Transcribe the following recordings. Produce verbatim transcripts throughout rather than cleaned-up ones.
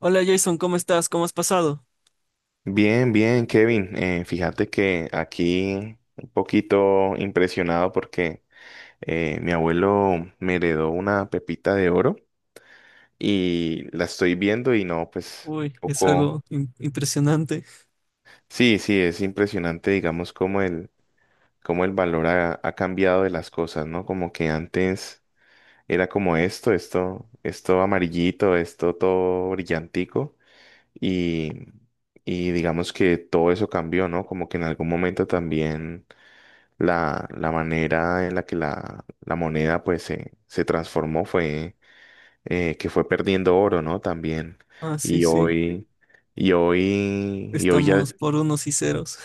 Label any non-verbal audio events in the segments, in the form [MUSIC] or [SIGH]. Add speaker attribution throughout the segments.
Speaker 1: Hola Jason, ¿cómo estás? ¿Cómo has pasado?
Speaker 2: Bien, bien, Kevin. Eh, fíjate que aquí un poquito impresionado porque eh, mi abuelo me heredó una pepita de oro y la estoy viendo y no, pues un
Speaker 1: Uy, es
Speaker 2: poco.
Speaker 1: algo im- impresionante.
Speaker 2: Sí, sí, es impresionante, digamos, cómo el, cómo el valor ha, ha cambiado de las cosas, ¿no? Como que antes era como esto, esto, esto amarillito, esto todo brillantico y, y digamos que todo eso cambió, ¿no? Como que en algún momento también la, la manera en la que la, la moneda pues se, se transformó fue eh, que fue perdiendo oro, ¿no? También.
Speaker 1: Ah, sí,
Speaker 2: Y
Speaker 1: sí,
Speaker 2: hoy, y hoy, y hoy ya,
Speaker 1: estamos por unos y ceros.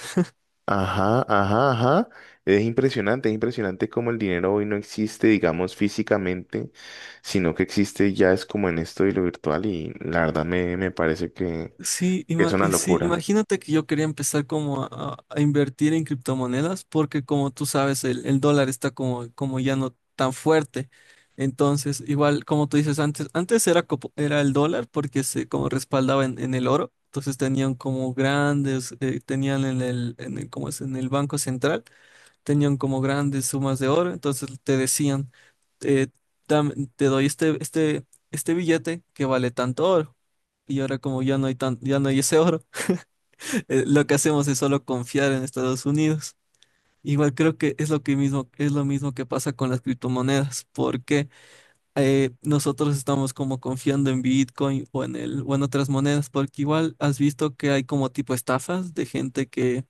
Speaker 2: ajá, ajá, ajá. Es impresionante, es impresionante cómo el dinero hoy no existe, digamos, físicamente, sino que existe ya es como en esto y lo virtual y la verdad me, me parece que
Speaker 1: Sí,
Speaker 2: que es
Speaker 1: ima-
Speaker 2: una
Speaker 1: y sí,
Speaker 2: locura.
Speaker 1: imagínate que yo quería empezar como a, a- a invertir en criptomonedas porque como tú sabes, el, el dólar está como, como ya no tan fuerte. Entonces, igual como tú dices antes, antes era, copo- era el dólar porque se como respaldaba en, en el oro. Entonces tenían como grandes, eh, tenían en el, en el, ¿cómo es? En el Banco Central. Tenían como grandes sumas de oro, entonces te decían, eh, dam- te doy este, este, este billete que vale tanto oro. Y ahora como ya no hay tan, ya no hay ese oro. [LAUGHS] Eh, lo que hacemos es solo confiar en Estados Unidos. Igual creo que es lo que mismo, es lo mismo que pasa con las criptomonedas, porque eh, nosotros estamos como confiando en Bitcoin o en el, o en otras monedas, porque igual has visto que hay como tipo estafas de gente que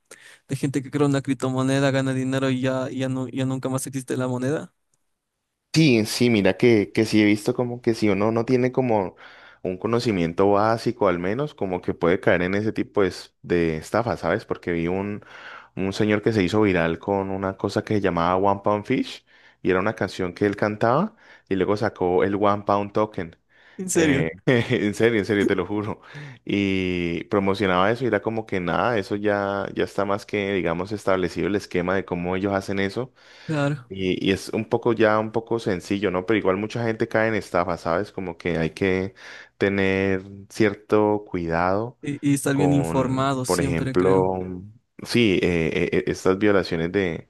Speaker 1: de gente que crea una criptomoneda, gana dinero y ya, y ya, no, ya nunca más existe la moneda.
Speaker 2: Sí, sí, mira que, que sí he visto como que si uno no tiene como un conocimiento básico al menos, como que puede caer en ese tipo de, es- de estafa, ¿sabes? Porque vi un, un señor que se hizo viral con una cosa que se llamaba One Pound Fish y era una canción que él cantaba y luego sacó el One Pound Token.
Speaker 1: ¿En
Speaker 2: Eh,
Speaker 1: serio?
Speaker 2: [LAUGHS] en serio, en serio, te lo juro. Y promocionaba eso y era como que nada, eso ya, ya está más que, digamos, establecido el esquema de cómo ellos hacen eso.
Speaker 1: Claro.
Speaker 2: Y, y es un poco ya un poco sencillo, ¿no? Pero igual mucha gente cae en estafa, ¿sabes? Como que hay que tener cierto cuidado
Speaker 1: Y, y estar bien
Speaker 2: con,
Speaker 1: informado
Speaker 2: por
Speaker 1: siempre, creo.
Speaker 2: ejemplo, sí, eh, eh, eh, estas violaciones de,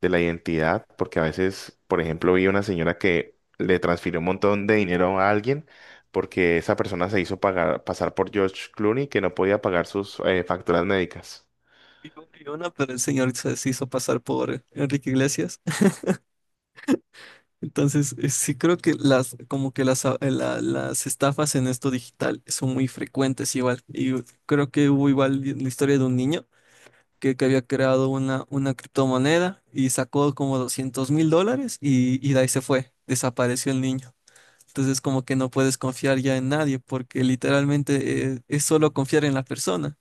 Speaker 2: de la identidad, porque a veces, por ejemplo, vi una señora que le transfirió un montón de dinero a alguien porque esa persona se hizo pagar, pasar por George Clooney que no podía pagar sus eh, facturas médicas.
Speaker 1: Y un- y una, pero el señor se se hizo pasar por Enrique Iglesias. [LAUGHS] Entonces, eh, sí creo que las, como que las, a- la- las estafas en esto digital son muy frecuentes igual. Y creo que hubo igual la historia de un niño que, que había creado una, una criptomoneda y sacó como doscientos mil dólares y, y de ahí se fue. Desapareció el niño. Entonces como que no puedes confiar ya en nadie porque literalmente eh, es solo confiar en la persona.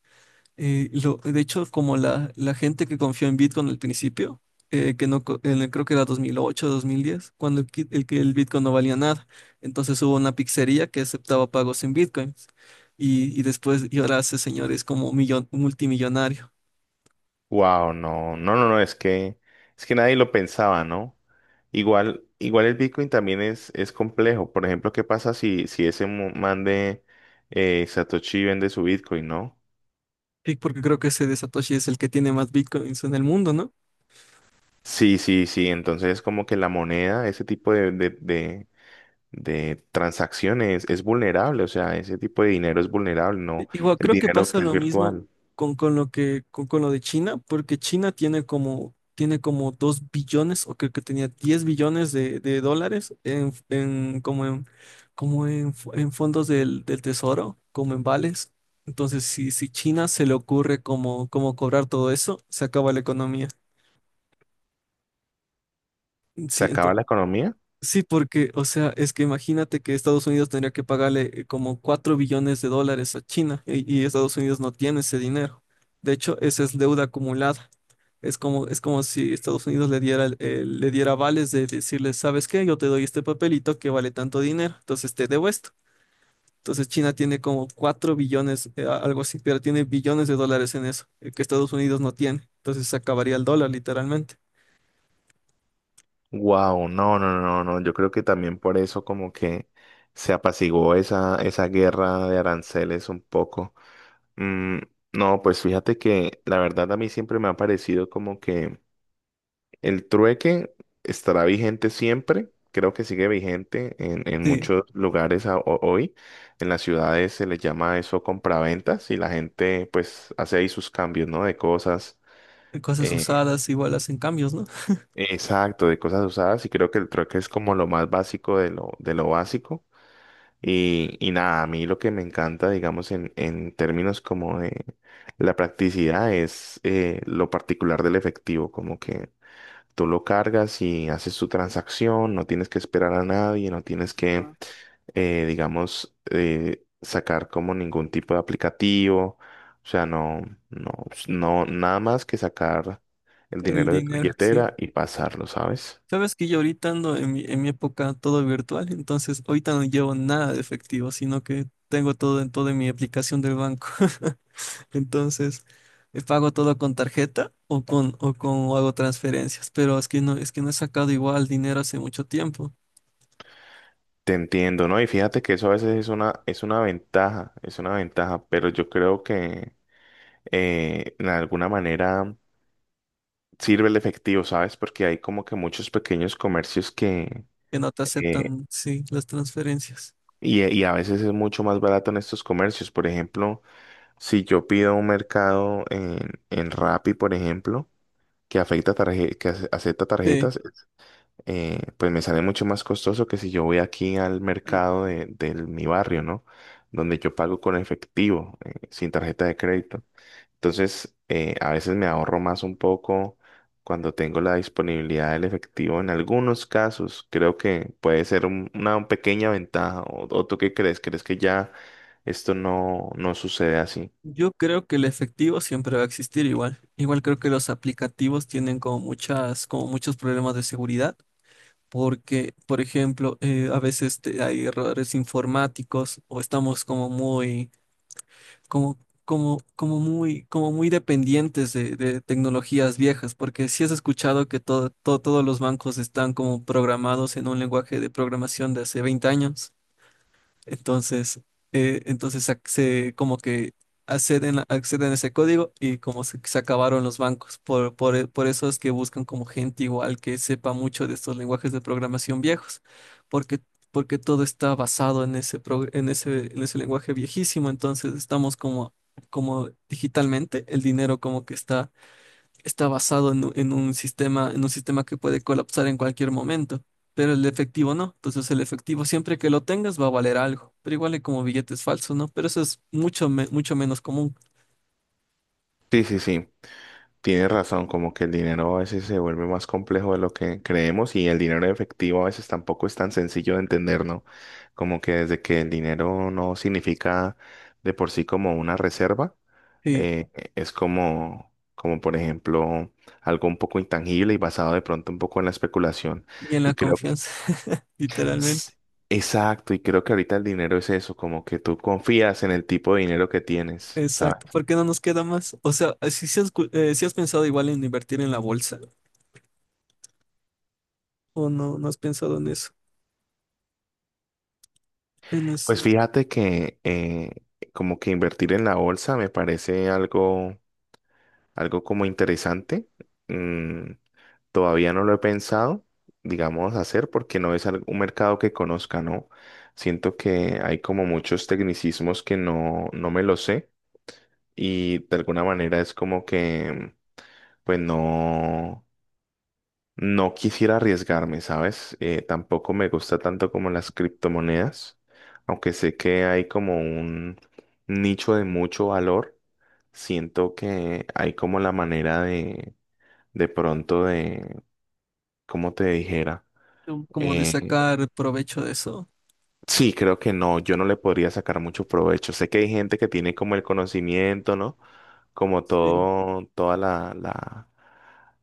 Speaker 1: Eh, lo, de hecho, como la, la gente que confió en Bitcoin al principio, eh, que no, co- en el- creo que era dos mil ocho, dos mil diez, cuando el, kit- el que el Bitcoin no valía nada. Entonces hubo una pizzería que aceptaba pagos en Bitcoins y, y después y ahora ese señor es como millon, multimillonario.
Speaker 2: Wow, no, no, no, no, es que, es que nadie lo pensaba, ¿no? Igual, igual el Bitcoin también es, es complejo. Por ejemplo, ¿qué pasa si, si ese mu- man de eh, Satoshi vende su Bitcoin, ¿no?
Speaker 1: Y porque creo que ese de Satoshi es el que tiene más Bitcoins en el mundo, ¿no?
Speaker 2: Sí, sí, sí. Entonces, como que la moneda, ese tipo de, de, de, de transacciones es vulnerable. O sea, ese tipo de dinero es vulnerable,
Speaker 1: Sí,
Speaker 2: ¿no?
Speaker 1: igual
Speaker 2: El
Speaker 1: creo que
Speaker 2: dinero
Speaker 1: pasa
Speaker 2: que es
Speaker 1: lo mismo
Speaker 2: virtual.
Speaker 1: con, con lo que con, con lo de China, porque China tiene como tiene como dos billones o creo que tenía diez billones de, de dólares en, en como en como en, f- en fondos del, del tesoro, como en vales. Entonces, si, si China se le ocurre como, como cobrar todo eso, se acaba la economía.
Speaker 2: ¿Se
Speaker 1: Sí.
Speaker 2: acaba la economía?
Speaker 1: Sí, porque, o sea, es que imagínate que Estados Unidos tendría que pagarle eh, como cuatro billones de dólares a China y, y Estados Unidos no tiene ese dinero. De hecho, esa es deuda acumulada. Es como, es como si Estados Unidos le diera, el- el- le diera vales de decirle, ¿sabes qué? Yo te doy este papelito que vale tanto dinero, entonces te debo esto. Entonces China tiene como cuatro billones, eh, a- algo así, pero tiene billones de dólares en eso, eh, que Estados Unidos no tiene. Entonces se acabaría el dólar literalmente.
Speaker 2: Wow, no, no, no, no, yo creo que también por eso como que se apaciguó esa, esa guerra de aranceles un poco. Mm, no, pues fíjate que la verdad a mí siempre me ha parecido como que el trueque estará vigente siempre, creo que sigue vigente en, en
Speaker 1: Sí,
Speaker 2: muchos lugares a- ho- hoy, en las ciudades se les llama eso compraventas y la gente pues hace ahí sus cambios, ¿no? De cosas.
Speaker 1: cosas
Speaker 2: eh,
Speaker 1: usadas igual hacen cambios, ¿no?
Speaker 2: Exacto, de cosas usadas y creo que el trueque es como lo más básico de lo, de lo básico. Y, y nada, a mí lo que me encanta, digamos, en, en términos como de la practicidad es eh, lo particular del efectivo, como que tú lo cargas y haces tu transacción, no tienes que esperar a nadie, no tienes que, eh, digamos, eh, sacar como ningún tipo de aplicativo, o sea, no, no, no, nada más que sacar el
Speaker 1: El
Speaker 2: dinero de tu
Speaker 1: dinero, sí.
Speaker 2: billetera y pasarlo, ¿sabes?
Speaker 1: Sabes que yo ahorita ando en mi, en mi época todo virtual, entonces ahorita no llevo nada de efectivo, sino que tengo todo en toda mi aplicación del banco. [LAUGHS] Entonces, eh, pago todo con tarjeta o con, o con o hago transferencias, pero es que no, es que no he sacado igual dinero hace mucho tiempo,
Speaker 2: Te entiendo, ¿no? Y fíjate que eso a veces es una, es una ventaja, es una ventaja, pero yo creo que eh, de alguna manera sirve el efectivo, ¿sabes? Porque hay como que muchos pequeños comercios que.
Speaker 1: que no te
Speaker 2: eh,
Speaker 1: aceptan, sí, las transferencias.
Speaker 2: y, y a veces es mucho más barato en estos comercios. Por ejemplo, si yo pido un mercado en, en Rappi, por ejemplo, que afecta tarje- que ace- acepta
Speaker 1: Sí.
Speaker 2: tarjetas, eh, pues me sale mucho más costoso que si yo voy aquí al mercado de, de mi barrio, ¿no? Donde yo pago con efectivo, eh, sin tarjeta de crédito. Entonces, eh, a veces me ahorro más un poco cuando tengo la disponibilidad del efectivo. En algunos casos, creo que puede ser un- una pequeña ventaja. ¿O, o tú qué crees? ¿Crees que ya esto no, no sucede así?
Speaker 1: Yo creo que el efectivo siempre va a existir igual. Igual creo que los aplicativos tienen como muchas, como muchos problemas de seguridad. Porque, por ejemplo, eh, a veces te- hay errores informáticos o estamos como muy, como, como, como muy, como muy dependientes de, de tecnologías viejas, porque si has escuchado que todo, todo- todos los bancos están como programados en un lenguaje de programación de hace veinte años. Entonces, eh, entonces ac- se, como que acceden, a- acceden a ese código y como se, se acabaron los bancos. Por, por, e- por eso es que buscan como gente igual que sepa mucho de estos lenguajes de programación viejos, porque, porque todo está basado en ese, pro- en ese, en ese lenguaje viejísimo. Entonces estamos como, como digitalmente, el dinero como que está está basado en, u- en un sistema, en un sistema que puede colapsar en cualquier momento, pero el efectivo no. Entonces el efectivo siempre que lo tengas va a valer algo, pero igual es como billetes falsos, ¿no? Pero eso es mucho, me- mucho menos común.
Speaker 2: Sí, sí, sí. Tienes razón, como que el dinero a veces se vuelve más complejo de lo que creemos y el dinero en efectivo a veces tampoco es tan sencillo de entender, ¿no? Como que desde que el dinero no significa de por sí como una reserva,
Speaker 1: Sí,
Speaker 2: eh, es como, como por ejemplo algo un poco intangible y basado de pronto un poco en la especulación.
Speaker 1: y en
Speaker 2: Y
Speaker 1: la
Speaker 2: creo que.
Speaker 1: confianza. [LAUGHS] Literalmente.
Speaker 2: s- Exacto, y creo que ahorita el dinero es eso, como que tú confías en el tipo de dinero que tienes, ¿sabes?
Speaker 1: Exacto, porque no nos queda más. O sea, si, si has, cu- eh, si has pensado igual en invertir en la bolsa o no, no has pensado en eso, en es-
Speaker 2: Pues fíjate que eh, como que invertir en la bolsa me parece algo, algo como interesante. Mm, todavía no lo he pensado, digamos, hacer porque no es al- un mercado que conozca, ¿no? Siento que hay como muchos tecnicismos que no, no me lo sé y de alguna manera es como que, pues no. No quisiera arriesgarme, ¿sabes? Eh, tampoco me gusta tanto como las criptomonedas, aunque sé que hay como un nicho de mucho valor. Siento que hay como la manera de, de pronto de, ¿cómo te dijera?
Speaker 1: como de
Speaker 2: Eh,
Speaker 1: sacar provecho de eso.
Speaker 2: Sí, creo que no, yo no le podría sacar mucho provecho. Sé que hay gente que tiene como el conocimiento, ¿no? Como
Speaker 1: Sí.
Speaker 2: todo, toda la, la,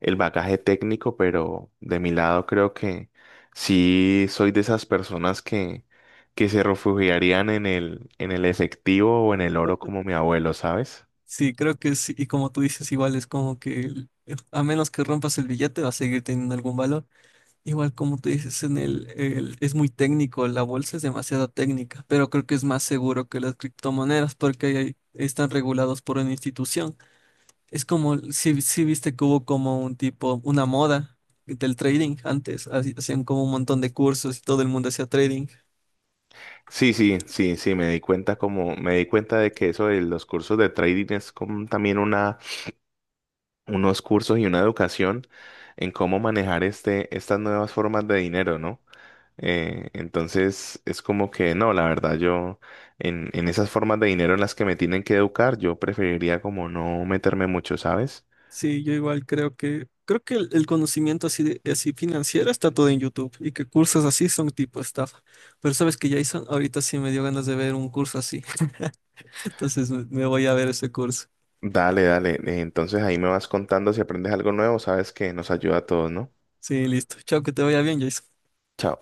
Speaker 2: el bagaje técnico, pero de mi lado creo que sí soy de esas personas que, que se refugiarían en el, en el efectivo o en el oro como mi abuelo, ¿sabes?
Speaker 1: Sí, creo que sí. Y como tú dices, igual es como que el- a menos que rompas el billete va a seguir teniendo algún valor. Igual como tú dices, en el, el- es muy técnico, la bolsa es demasiado técnica, pero creo que es más seguro que las criptomonedas porque ahí hay- están regulados por una institución. Es como si, si viste que hubo como un tipo, una moda del trading antes, así- hacían como un montón de cursos y todo el mundo hacía trading.
Speaker 2: Sí, sí, sí, sí, me di cuenta como, me di cuenta de que eso de los cursos de trading es como también una unos cursos y una educación en cómo manejar este, estas nuevas formas de dinero, ¿no? Eh, entonces es como que no, la verdad yo en, en esas formas de dinero en las que me tienen que educar, yo preferiría como no meterme mucho, ¿sabes?
Speaker 1: Sí, yo igual creo que, creo que el, el conocimiento así, de- así financiero está todo en YouTube y que cursos así son tipo estafa. Pero sabes que Jason, ahorita sí me dio ganas de ver un curso así. [LAUGHS] Entonces me me voy a ver ese curso.
Speaker 2: Dale, dale. eh, Entonces ahí me vas contando si aprendes algo nuevo, sabes que nos ayuda a todos, ¿no?
Speaker 1: Sí, listo. Chao, que te vaya bien, Jason.
Speaker 2: Chao.